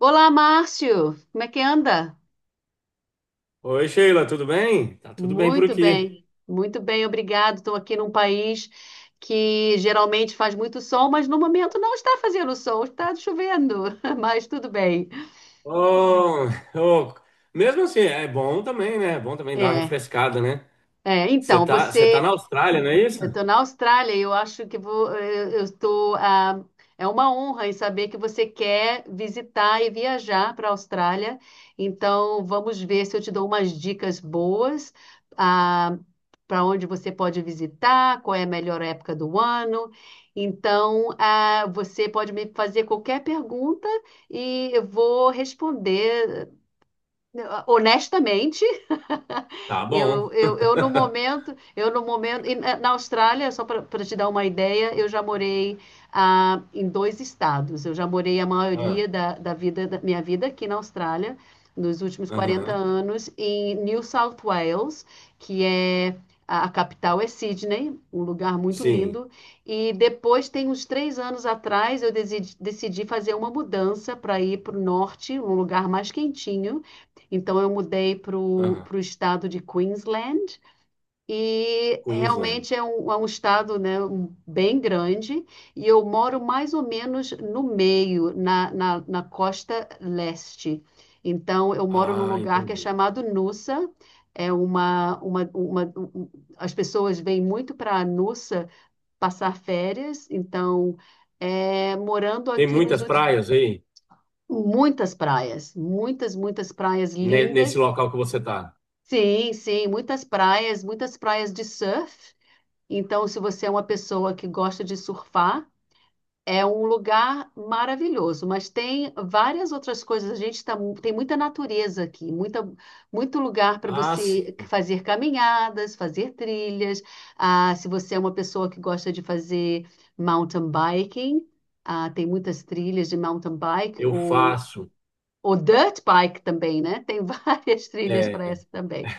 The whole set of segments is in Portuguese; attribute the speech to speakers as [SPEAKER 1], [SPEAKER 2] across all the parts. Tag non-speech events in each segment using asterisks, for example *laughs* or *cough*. [SPEAKER 1] Olá, Márcio. Como é que anda?
[SPEAKER 2] Oi, Sheila, tudo bem? Tá tudo bem por aqui.
[SPEAKER 1] Muito bem, obrigado. Estou aqui num país que geralmente faz muito sol, mas no momento não está fazendo sol, está chovendo, *laughs* mas tudo bem.
[SPEAKER 2] Oh, oh, mesmo assim, é bom também, né? É bom também dar uma
[SPEAKER 1] É,
[SPEAKER 2] refrescada, né? Você
[SPEAKER 1] então,
[SPEAKER 2] tá, você tá na Austrália, não é isso?
[SPEAKER 1] eu estou na Austrália e eu acho que vou, eu estou, é uma honra em saber que você quer visitar e viajar para a Austrália. Então, vamos ver se eu te dou umas dicas boas, ah, para onde você pode visitar, qual é a melhor época do ano. Então, você pode me fazer qualquer pergunta e eu vou responder eh, honestamente. *laughs*
[SPEAKER 2] Tá
[SPEAKER 1] Eu,
[SPEAKER 2] bom.
[SPEAKER 1] eu, eu no
[SPEAKER 2] *laughs*
[SPEAKER 1] momento, e na Austrália, só para te dar uma ideia, eu já morei, em dois estados. Eu já morei a
[SPEAKER 2] Ah,
[SPEAKER 1] maioria da minha vida aqui na Austrália, nos últimos 40
[SPEAKER 2] aham,
[SPEAKER 1] anos, em New South Wales, que é a capital é Sydney, um lugar muito
[SPEAKER 2] sim,
[SPEAKER 1] lindo. E depois, tem uns 3 anos atrás, decidi fazer uma mudança para ir para o norte, um lugar mais quentinho. Então eu mudei para o
[SPEAKER 2] aham,
[SPEAKER 1] estado de Queensland e
[SPEAKER 2] Queensland.
[SPEAKER 1] realmente é um estado, né, bem grande. E eu moro mais ou menos no meio, na costa leste. Então eu moro num
[SPEAKER 2] Ah,
[SPEAKER 1] lugar que é
[SPEAKER 2] entendi.
[SPEAKER 1] chamado Noosa. É uma, uma, uma, um- um, As pessoas vêm muito para Noosa passar férias. Então é, morando
[SPEAKER 2] Tem
[SPEAKER 1] aqui nos
[SPEAKER 2] muitas
[SPEAKER 1] últimos,
[SPEAKER 2] praias aí
[SPEAKER 1] muitas praias, muitas, muitas praias
[SPEAKER 2] nesse
[SPEAKER 1] lindas.
[SPEAKER 2] local que você tá.
[SPEAKER 1] Sim, sim, muitas praias de surf. Então, se você é uma pessoa que gosta de surfar, é um lugar maravilhoso. Mas tem várias outras coisas. A gente tá, tem muita natureza aqui, muita, muito lugar para
[SPEAKER 2] Ah,
[SPEAKER 1] você
[SPEAKER 2] sim.
[SPEAKER 1] fazer caminhadas, fazer trilhas. Ah, se você é uma pessoa que gosta de fazer mountain biking, tem muitas trilhas de mountain bike
[SPEAKER 2] Eu
[SPEAKER 1] ou,
[SPEAKER 2] faço.
[SPEAKER 1] ou dirt bike também, né? Tem várias *laughs* trilhas para
[SPEAKER 2] é,
[SPEAKER 1] essa também.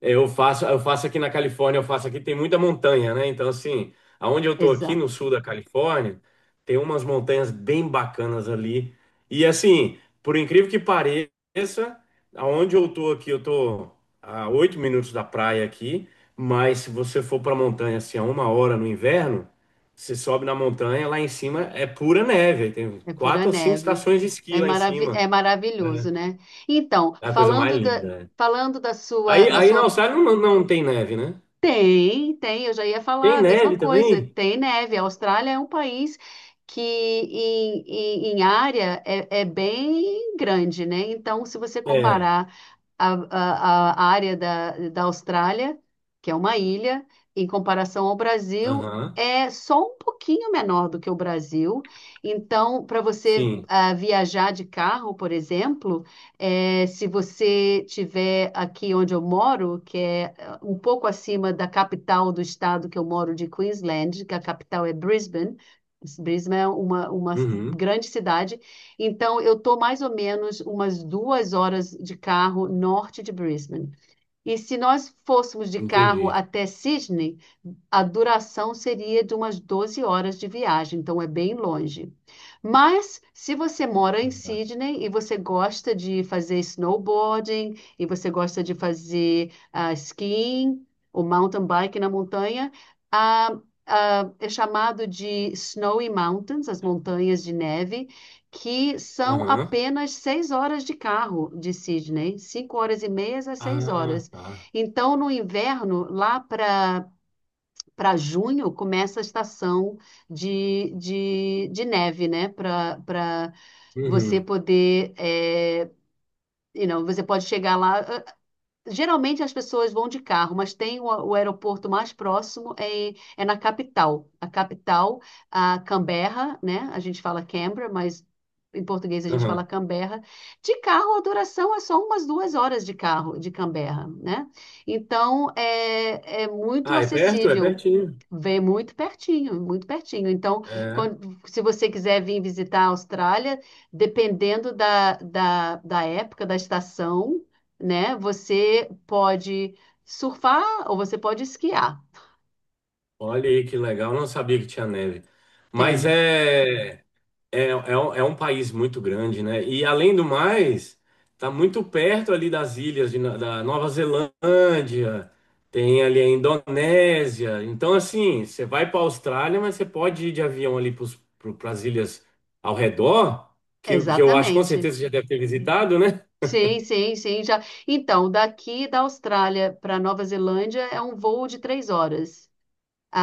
[SPEAKER 2] eu faço aqui na Califórnia, eu faço aqui, tem muita montanha, né? Então, assim, aonde eu tô aqui
[SPEAKER 1] Exato.
[SPEAKER 2] no sul da Califórnia, tem umas montanhas bem bacanas ali. E assim, por incrível que pareça, aonde eu tô aqui, eu tô a 8 minutos da praia aqui, mas se você for pra montanha assim, a 1 hora no inverno, você sobe na montanha, lá em cima é pura neve. Aí Tem
[SPEAKER 1] É pura
[SPEAKER 2] 4 ou 5
[SPEAKER 1] neve.
[SPEAKER 2] estações de esqui
[SPEAKER 1] É
[SPEAKER 2] lá em
[SPEAKER 1] maravi é
[SPEAKER 2] cima.
[SPEAKER 1] maravilhoso,
[SPEAKER 2] Né?
[SPEAKER 1] né? Então,
[SPEAKER 2] É a coisa mais linda. Né?
[SPEAKER 1] falando da sua,
[SPEAKER 2] Aí,
[SPEAKER 1] da
[SPEAKER 2] aí na
[SPEAKER 1] sua.
[SPEAKER 2] Austrália não tem neve, né?
[SPEAKER 1] Tem, tem, eu já ia falar
[SPEAKER 2] Tem
[SPEAKER 1] a mesma
[SPEAKER 2] neve
[SPEAKER 1] coisa.
[SPEAKER 2] também?
[SPEAKER 1] Tem neve. A Austrália é um país que, em área, é bem grande, né? Então, se você
[SPEAKER 2] É.
[SPEAKER 1] comparar a área da Austrália, que é uma ilha, em comparação ao Brasil,
[SPEAKER 2] Aham.
[SPEAKER 1] é só um pouquinho menor do que o Brasil. Então, para você
[SPEAKER 2] Sim.
[SPEAKER 1] viajar de carro, por exemplo, se você tiver aqui onde eu moro, que é um pouco acima da capital do estado que eu moro, de Queensland, que a capital é Brisbane. Brisbane é uma
[SPEAKER 2] Uhum.
[SPEAKER 1] grande cidade. Então, eu estou mais ou menos umas 2 horas de carro norte de Brisbane. E se nós fôssemos de carro
[SPEAKER 2] Entendi.
[SPEAKER 1] até Sydney, a duração seria de umas 12 horas de viagem, então é bem longe. Mas se você mora em
[SPEAKER 2] Aham.
[SPEAKER 1] Sydney e você gosta de fazer snowboarding, e você gosta de fazer skiing, o mountain bike na montanha, ah, é chamado de Snowy Mountains, as montanhas de neve, que são
[SPEAKER 2] Aham.
[SPEAKER 1] apenas 6 horas de carro de Sydney, 5 horas e meia a seis
[SPEAKER 2] Ah,
[SPEAKER 1] horas.
[SPEAKER 2] tá.
[SPEAKER 1] Então, no inverno, lá para junho, começa a estação de neve, né? Para você
[SPEAKER 2] Uhum.
[SPEAKER 1] poder. É, você pode chegar lá. Geralmente as pessoas vão de carro, mas tem o aeroporto mais próximo é na capital. A capital, a Canberra, né? A gente fala Canberra, mas em português a gente fala
[SPEAKER 2] Aham.
[SPEAKER 1] Canberra. De carro, a duração é só umas 2 horas de carro de Canberra, né? Então é muito
[SPEAKER 2] Ah, é perto? É
[SPEAKER 1] acessível.
[SPEAKER 2] pertinho.
[SPEAKER 1] Vem muito pertinho, muito pertinho. Então,
[SPEAKER 2] É.
[SPEAKER 1] quando- se você quiser vir visitar a Austrália, dependendo da época, da estação, né? Você pode surfar ou você pode esquiar.
[SPEAKER 2] Olha aí que legal. Não sabia que tinha neve. Mas
[SPEAKER 1] Tem,
[SPEAKER 2] é. É, é um país muito grande, né? E além do mais, tá muito perto ali das ilhas de da Nova Zelândia, tem ali a Indonésia. Então, assim, você vai para a Austrália, mas você pode ir de avião ali para as ilhas ao redor, que eu acho com
[SPEAKER 1] exatamente.
[SPEAKER 2] certeza você já deve ter visitado, né?
[SPEAKER 1] Sim, sim, sim, já. Então, daqui da Austrália para Nova Zelândia é um voo de 3 horas,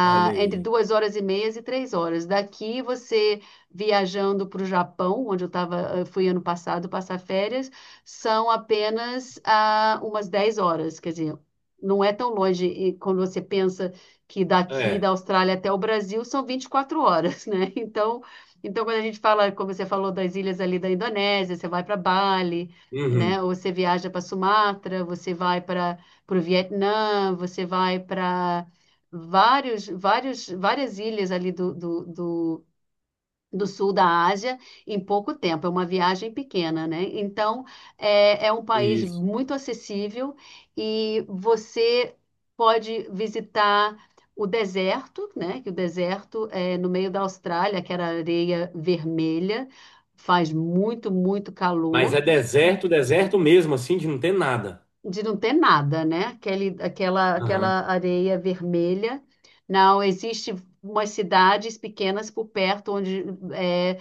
[SPEAKER 2] Olha
[SPEAKER 1] entre
[SPEAKER 2] aí.
[SPEAKER 1] 2 horas e meia e 3 horas. Daqui você viajando para o Japão, onde eu tava, eu fui ano passado passar férias, são apenas umas 10 horas, quer dizer, não é tão longe. E quando você pensa que daqui da
[SPEAKER 2] É,
[SPEAKER 1] Austrália até o Brasil são 24 horas, né? *laughs* Então, então quando a gente fala, como você falou, das ilhas ali da Indonésia, você vai para Bali.
[SPEAKER 2] uhum,
[SPEAKER 1] Né? Ou você viaja para Sumatra, você vai para o Vietnã, você vai para vários, vários, várias ilhas ali do sul da Ásia em pouco tempo. É uma viagem pequena, né? Então, é um país
[SPEAKER 2] isso.
[SPEAKER 1] muito acessível e você pode visitar o deserto, né? Que o deserto é no meio da Austrália, que era areia vermelha. Faz muito, muito
[SPEAKER 2] Mas é
[SPEAKER 1] calor.
[SPEAKER 2] deserto, deserto mesmo, assim, de não ter nada.
[SPEAKER 1] De não ter nada, né? Aquele, aquela,
[SPEAKER 2] Aham,
[SPEAKER 1] aquela areia vermelha. Não, existe umas cidades pequenas por perto onde, eh,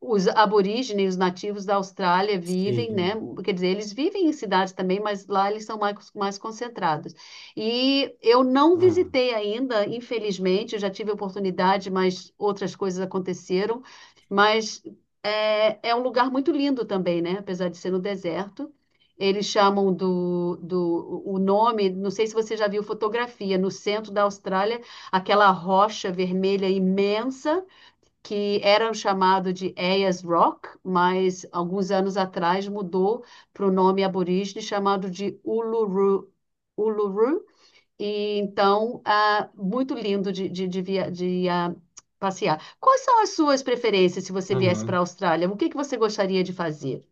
[SPEAKER 1] os aborígenes, os nativos da Austrália vivem, né?
[SPEAKER 2] sim.
[SPEAKER 1] Quer dizer, eles vivem em cidades também, mas lá eles são mais, mais concentrados. E eu não
[SPEAKER 2] Aham,
[SPEAKER 1] visitei ainda, infelizmente, eu já tive oportunidade, mas outras coisas aconteceram. Mas é um lugar muito lindo também, né? Apesar de ser no deserto. Eles chamam do, do o nome, não sei se você já viu fotografia, no centro da Austrália, aquela rocha vermelha imensa que era chamado de Ayers Rock, mas alguns anos atrás mudou para o nome aborígene chamado de Uluru. Uluru. E, então, muito lindo de passear. Quais são as suas preferências se você viesse para a
[SPEAKER 2] aham.
[SPEAKER 1] Austrália? O que que você gostaria de fazer?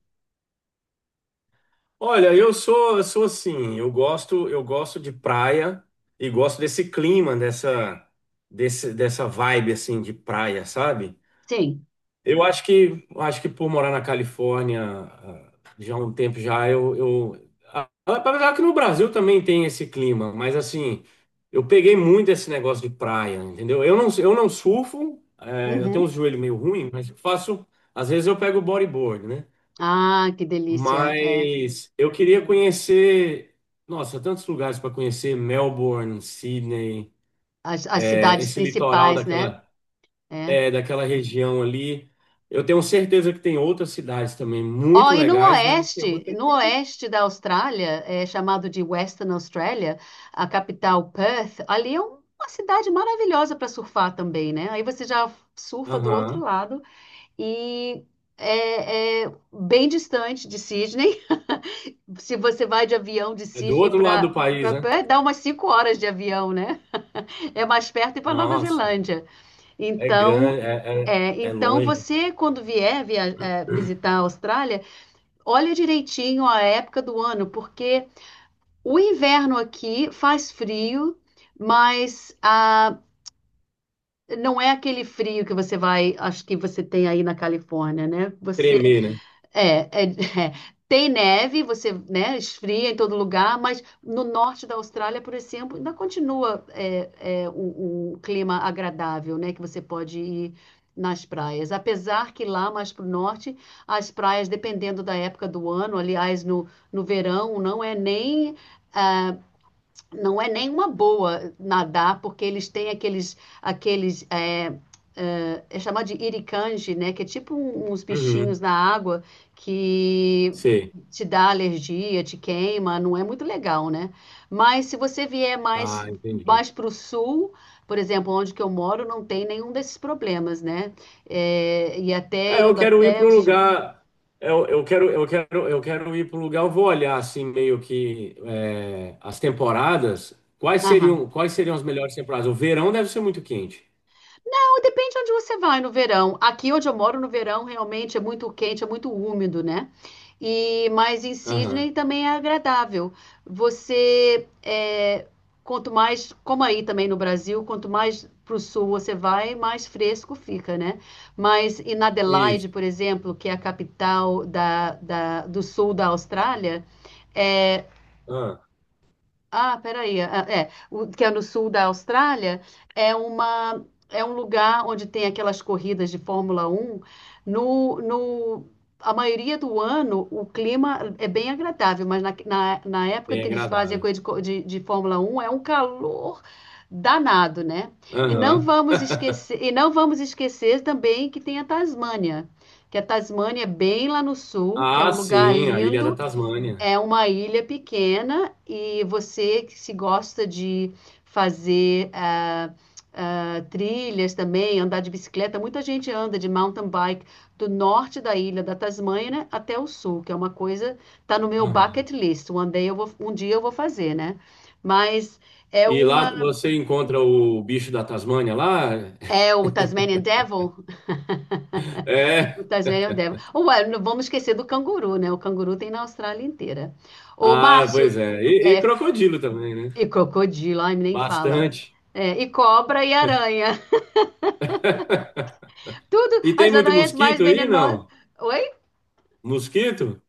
[SPEAKER 2] Olha, eu sou assim, eu gosto de praia e gosto desse clima, dessa vibe assim de praia, sabe?
[SPEAKER 1] Sim.
[SPEAKER 2] Eu acho que por morar na Califórnia, já há um tempo já, apesar que no Brasil também tem esse clima, mas assim, eu peguei muito esse negócio de praia, entendeu? Eu não surfo, eu tenho um
[SPEAKER 1] Uhum.
[SPEAKER 2] joelho meio ruim, mas eu faço, às vezes eu pego bodyboard, né?
[SPEAKER 1] Ah, que delícia. É.
[SPEAKER 2] Mas eu queria conhecer, nossa, tantos lugares para conhecer, Melbourne, Sydney,
[SPEAKER 1] As cidades
[SPEAKER 2] esse litoral
[SPEAKER 1] principais, né?
[SPEAKER 2] daquela,
[SPEAKER 1] É.
[SPEAKER 2] é, daquela região ali. Eu tenho certeza que tem outras cidades também
[SPEAKER 1] Ó,
[SPEAKER 2] muito
[SPEAKER 1] e no
[SPEAKER 2] legais, mas tem
[SPEAKER 1] oeste,
[SPEAKER 2] outra
[SPEAKER 1] no
[SPEAKER 2] aqui.
[SPEAKER 1] oeste da Austrália, é chamado de Western Australia, a capital Perth, ali é uma cidade maravilhosa para surfar também, né? Aí você já surfa do outro
[SPEAKER 2] Aham.
[SPEAKER 1] lado e é bem distante de Sydney. *laughs* Se você vai de avião de
[SPEAKER 2] É do
[SPEAKER 1] Sydney
[SPEAKER 2] outro lado
[SPEAKER 1] para
[SPEAKER 2] do país,
[SPEAKER 1] para
[SPEAKER 2] né?
[SPEAKER 1] Perth, dá umas 5 horas de avião, né? É mais perto ir para Nova
[SPEAKER 2] Nossa,
[SPEAKER 1] Zelândia.
[SPEAKER 2] é
[SPEAKER 1] Então,
[SPEAKER 2] grande, é,
[SPEAKER 1] é,
[SPEAKER 2] é, é
[SPEAKER 1] então
[SPEAKER 2] longe.
[SPEAKER 1] você quando vier visitar a Austrália. Olha direitinho a época do ano, porque o inverno aqui faz frio, mas não é aquele frio que você vai, acho que você tem aí na Califórnia, né? Você
[SPEAKER 2] Tremer, né?
[SPEAKER 1] é, é, *laughs* é. Tem neve, você, né, esfria em todo lugar, mas no norte da Austrália, por exemplo, ainda continua um clima agradável, né, que você pode ir nas praias. Apesar que lá mais para o norte, as praias, dependendo da época do ano, aliás, no verão, não é nem não é nenhuma boa nadar, porque eles têm aqueles, é chamado de iricanje, né? Que é tipo uns bichinhos
[SPEAKER 2] Uhum,
[SPEAKER 1] na água que
[SPEAKER 2] sei.
[SPEAKER 1] te dá alergia, te queima, não é muito legal, né? Mas se você vier
[SPEAKER 2] Ah,
[SPEAKER 1] mais,
[SPEAKER 2] entendi.
[SPEAKER 1] mais para o sul, por exemplo, onde que eu moro, não tem nenhum desses problemas, né? É, e
[SPEAKER 2] É,
[SPEAKER 1] até
[SPEAKER 2] eu
[SPEAKER 1] indo
[SPEAKER 2] quero ir
[SPEAKER 1] até
[SPEAKER 2] para
[SPEAKER 1] o
[SPEAKER 2] um
[SPEAKER 1] sul.
[SPEAKER 2] lugar. Eu quero ir para um lugar. Eu vou olhar assim meio que as temporadas. Quais
[SPEAKER 1] Aham.
[SPEAKER 2] seriam, quais seriam as melhores temporadas? O verão deve ser muito quente.
[SPEAKER 1] Não, depende de onde você vai no verão. Aqui onde eu moro no verão realmente é muito quente, é muito úmido, né? E mas em
[SPEAKER 2] Aham.
[SPEAKER 1] Sydney também é agradável. Você é, quanto mais, como aí também no Brasil, quanto mais para o sul você vai, mais fresco fica, né? Mas em Adelaide,
[SPEAKER 2] Isso.
[SPEAKER 1] por exemplo, que é a capital do sul da Austrália, é,
[SPEAKER 2] Ah,
[SPEAKER 1] peraí. É, que é no sul da Austrália, é uma, é um lugar onde tem aquelas corridas de Fórmula Um. No, no, a maioria do ano, o clima é bem agradável, mas na época
[SPEAKER 2] bem
[SPEAKER 1] que eles fazem a
[SPEAKER 2] agradável.
[SPEAKER 1] corrida de Fórmula Um é um calor danado, né? E não
[SPEAKER 2] Aham.
[SPEAKER 1] vamos
[SPEAKER 2] *laughs*
[SPEAKER 1] esquecer, e não vamos esquecer também que tem a Tasmânia, que a Tasmânia é bem lá no sul, que é um
[SPEAKER 2] Ah,
[SPEAKER 1] lugar
[SPEAKER 2] sim, a Ilha da
[SPEAKER 1] lindo,
[SPEAKER 2] Tasmânia.
[SPEAKER 1] é uma ilha pequena e você que se gosta de fazer trilhas também, andar de bicicleta, muita gente anda de mountain bike do norte da ilha da Tasmânia, né, até o sul, que é uma coisa, tá no meu
[SPEAKER 2] Aham.
[SPEAKER 1] bucket list. Um dia eu vou fazer, né? Mas é
[SPEAKER 2] E lá
[SPEAKER 1] uma
[SPEAKER 2] você encontra o bicho da Tasmânia lá? *laughs*
[SPEAKER 1] é o Tasmanian Devil, o
[SPEAKER 2] É.
[SPEAKER 1] Tasmanian Devil. Ué, não vamos esquecer do canguru, né? O canguru tem na Austrália inteira. Ô,
[SPEAKER 2] Ah,
[SPEAKER 1] Márcio,
[SPEAKER 2] pois é. E,
[SPEAKER 1] é.
[SPEAKER 2] crocodilo também, né?
[SPEAKER 1] E crocodilo, ai, nem fala.
[SPEAKER 2] Bastante.
[SPEAKER 1] É, e cobra e aranha. *laughs*
[SPEAKER 2] *laughs*
[SPEAKER 1] Tudo,
[SPEAKER 2] E tem
[SPEAKER 1] as
[SPEAKER 2] muito
[SPEAKER 1] aranhas mais
[SPEAKER 2] mosquito aí,
[SPEAKER 1] venenosas.
[SPEAKER 2] não?
[SPEAKER 1] Oi?
[SPEAKER 2] Mosquito?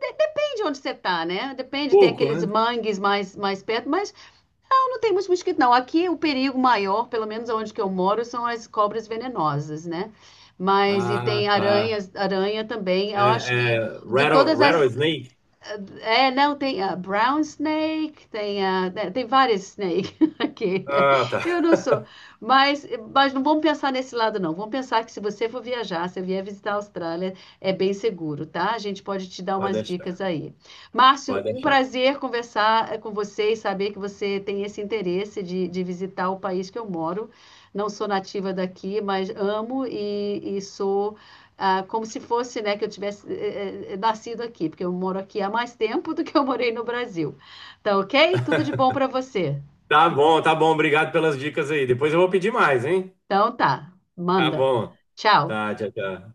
[SPEAKER 1] Depende onde você tá, né? Depende, tem
[SPEAKER 2] Pouco,
[SPEAKER 1] aqueles
[SPEAKER 2] né?
[SPEAKER 1] mangues mais, mais perto, mas não, não tem muito mosquito, não. Aqui o perigo maior, pelo menos onde que eu moro, são as cobras venenosas, né? Mas e tem
[SPEAKER 2] Ah, tá.
[SPEAKER 1] aranhas, aranha também. Eu
[SPEAKER 2] É,
[SPEAKER 1] acho
[SPEAKER 2] é,
[SPEAKER 1] que de todas as...
[SPEAKER 2] rattlesnake?
[SPEAKER 1] É, não, tem a brown snake, tem a, né, tem várias snake *laughs* aqui.
[SPEAKER 2] Ah, tá.
[SPEAKER 1] Eu não sou,
[SPEAKER 2] *laughs*
[SPEAKER 1] mas, não vamos pensar nesse lado, não. Vamos pensar que se você for viajar, se vier visitar a Austrália, é bem seguro, tá? A gente pode te dar
[SPEAKER 2] Pode
[SPEAKER 1] umas dicas
[SPEAKER 2] deixar,
[SPEAKER 1] aí. Márcio,
[SPEAKER 2] pode
[SPEAKER 1] um
[SPEAKER 2] deixar.
[SPEAKER 1] prazer conversar com você e saber que você tem esse interesse de visitar o país que eu moro. Não sou nativa daqui, mas amo e sou, como se fosse, né, que eu tivesse nascido aqui, porque eu moro aqui há mais tempo do que eu morei no Brasil. Tá, ok? Tudo de bom
[SPEAKER 2] *laughs*
[SPEAKER 1] para você.
[SPEAKER 2] Tá bom, tá bom. Obrigado pelas dicas aí. Depois eu vou pedir mais, hein?
[SPEAKER 1] Então tá,
[SPEAKER 2] Tá
[SPEAKER 1] manda.
[SPEAKER 2] bom.
[SPEAKER 1] Tchau.
[SPEAKER 2] Tá, tchau, tchau.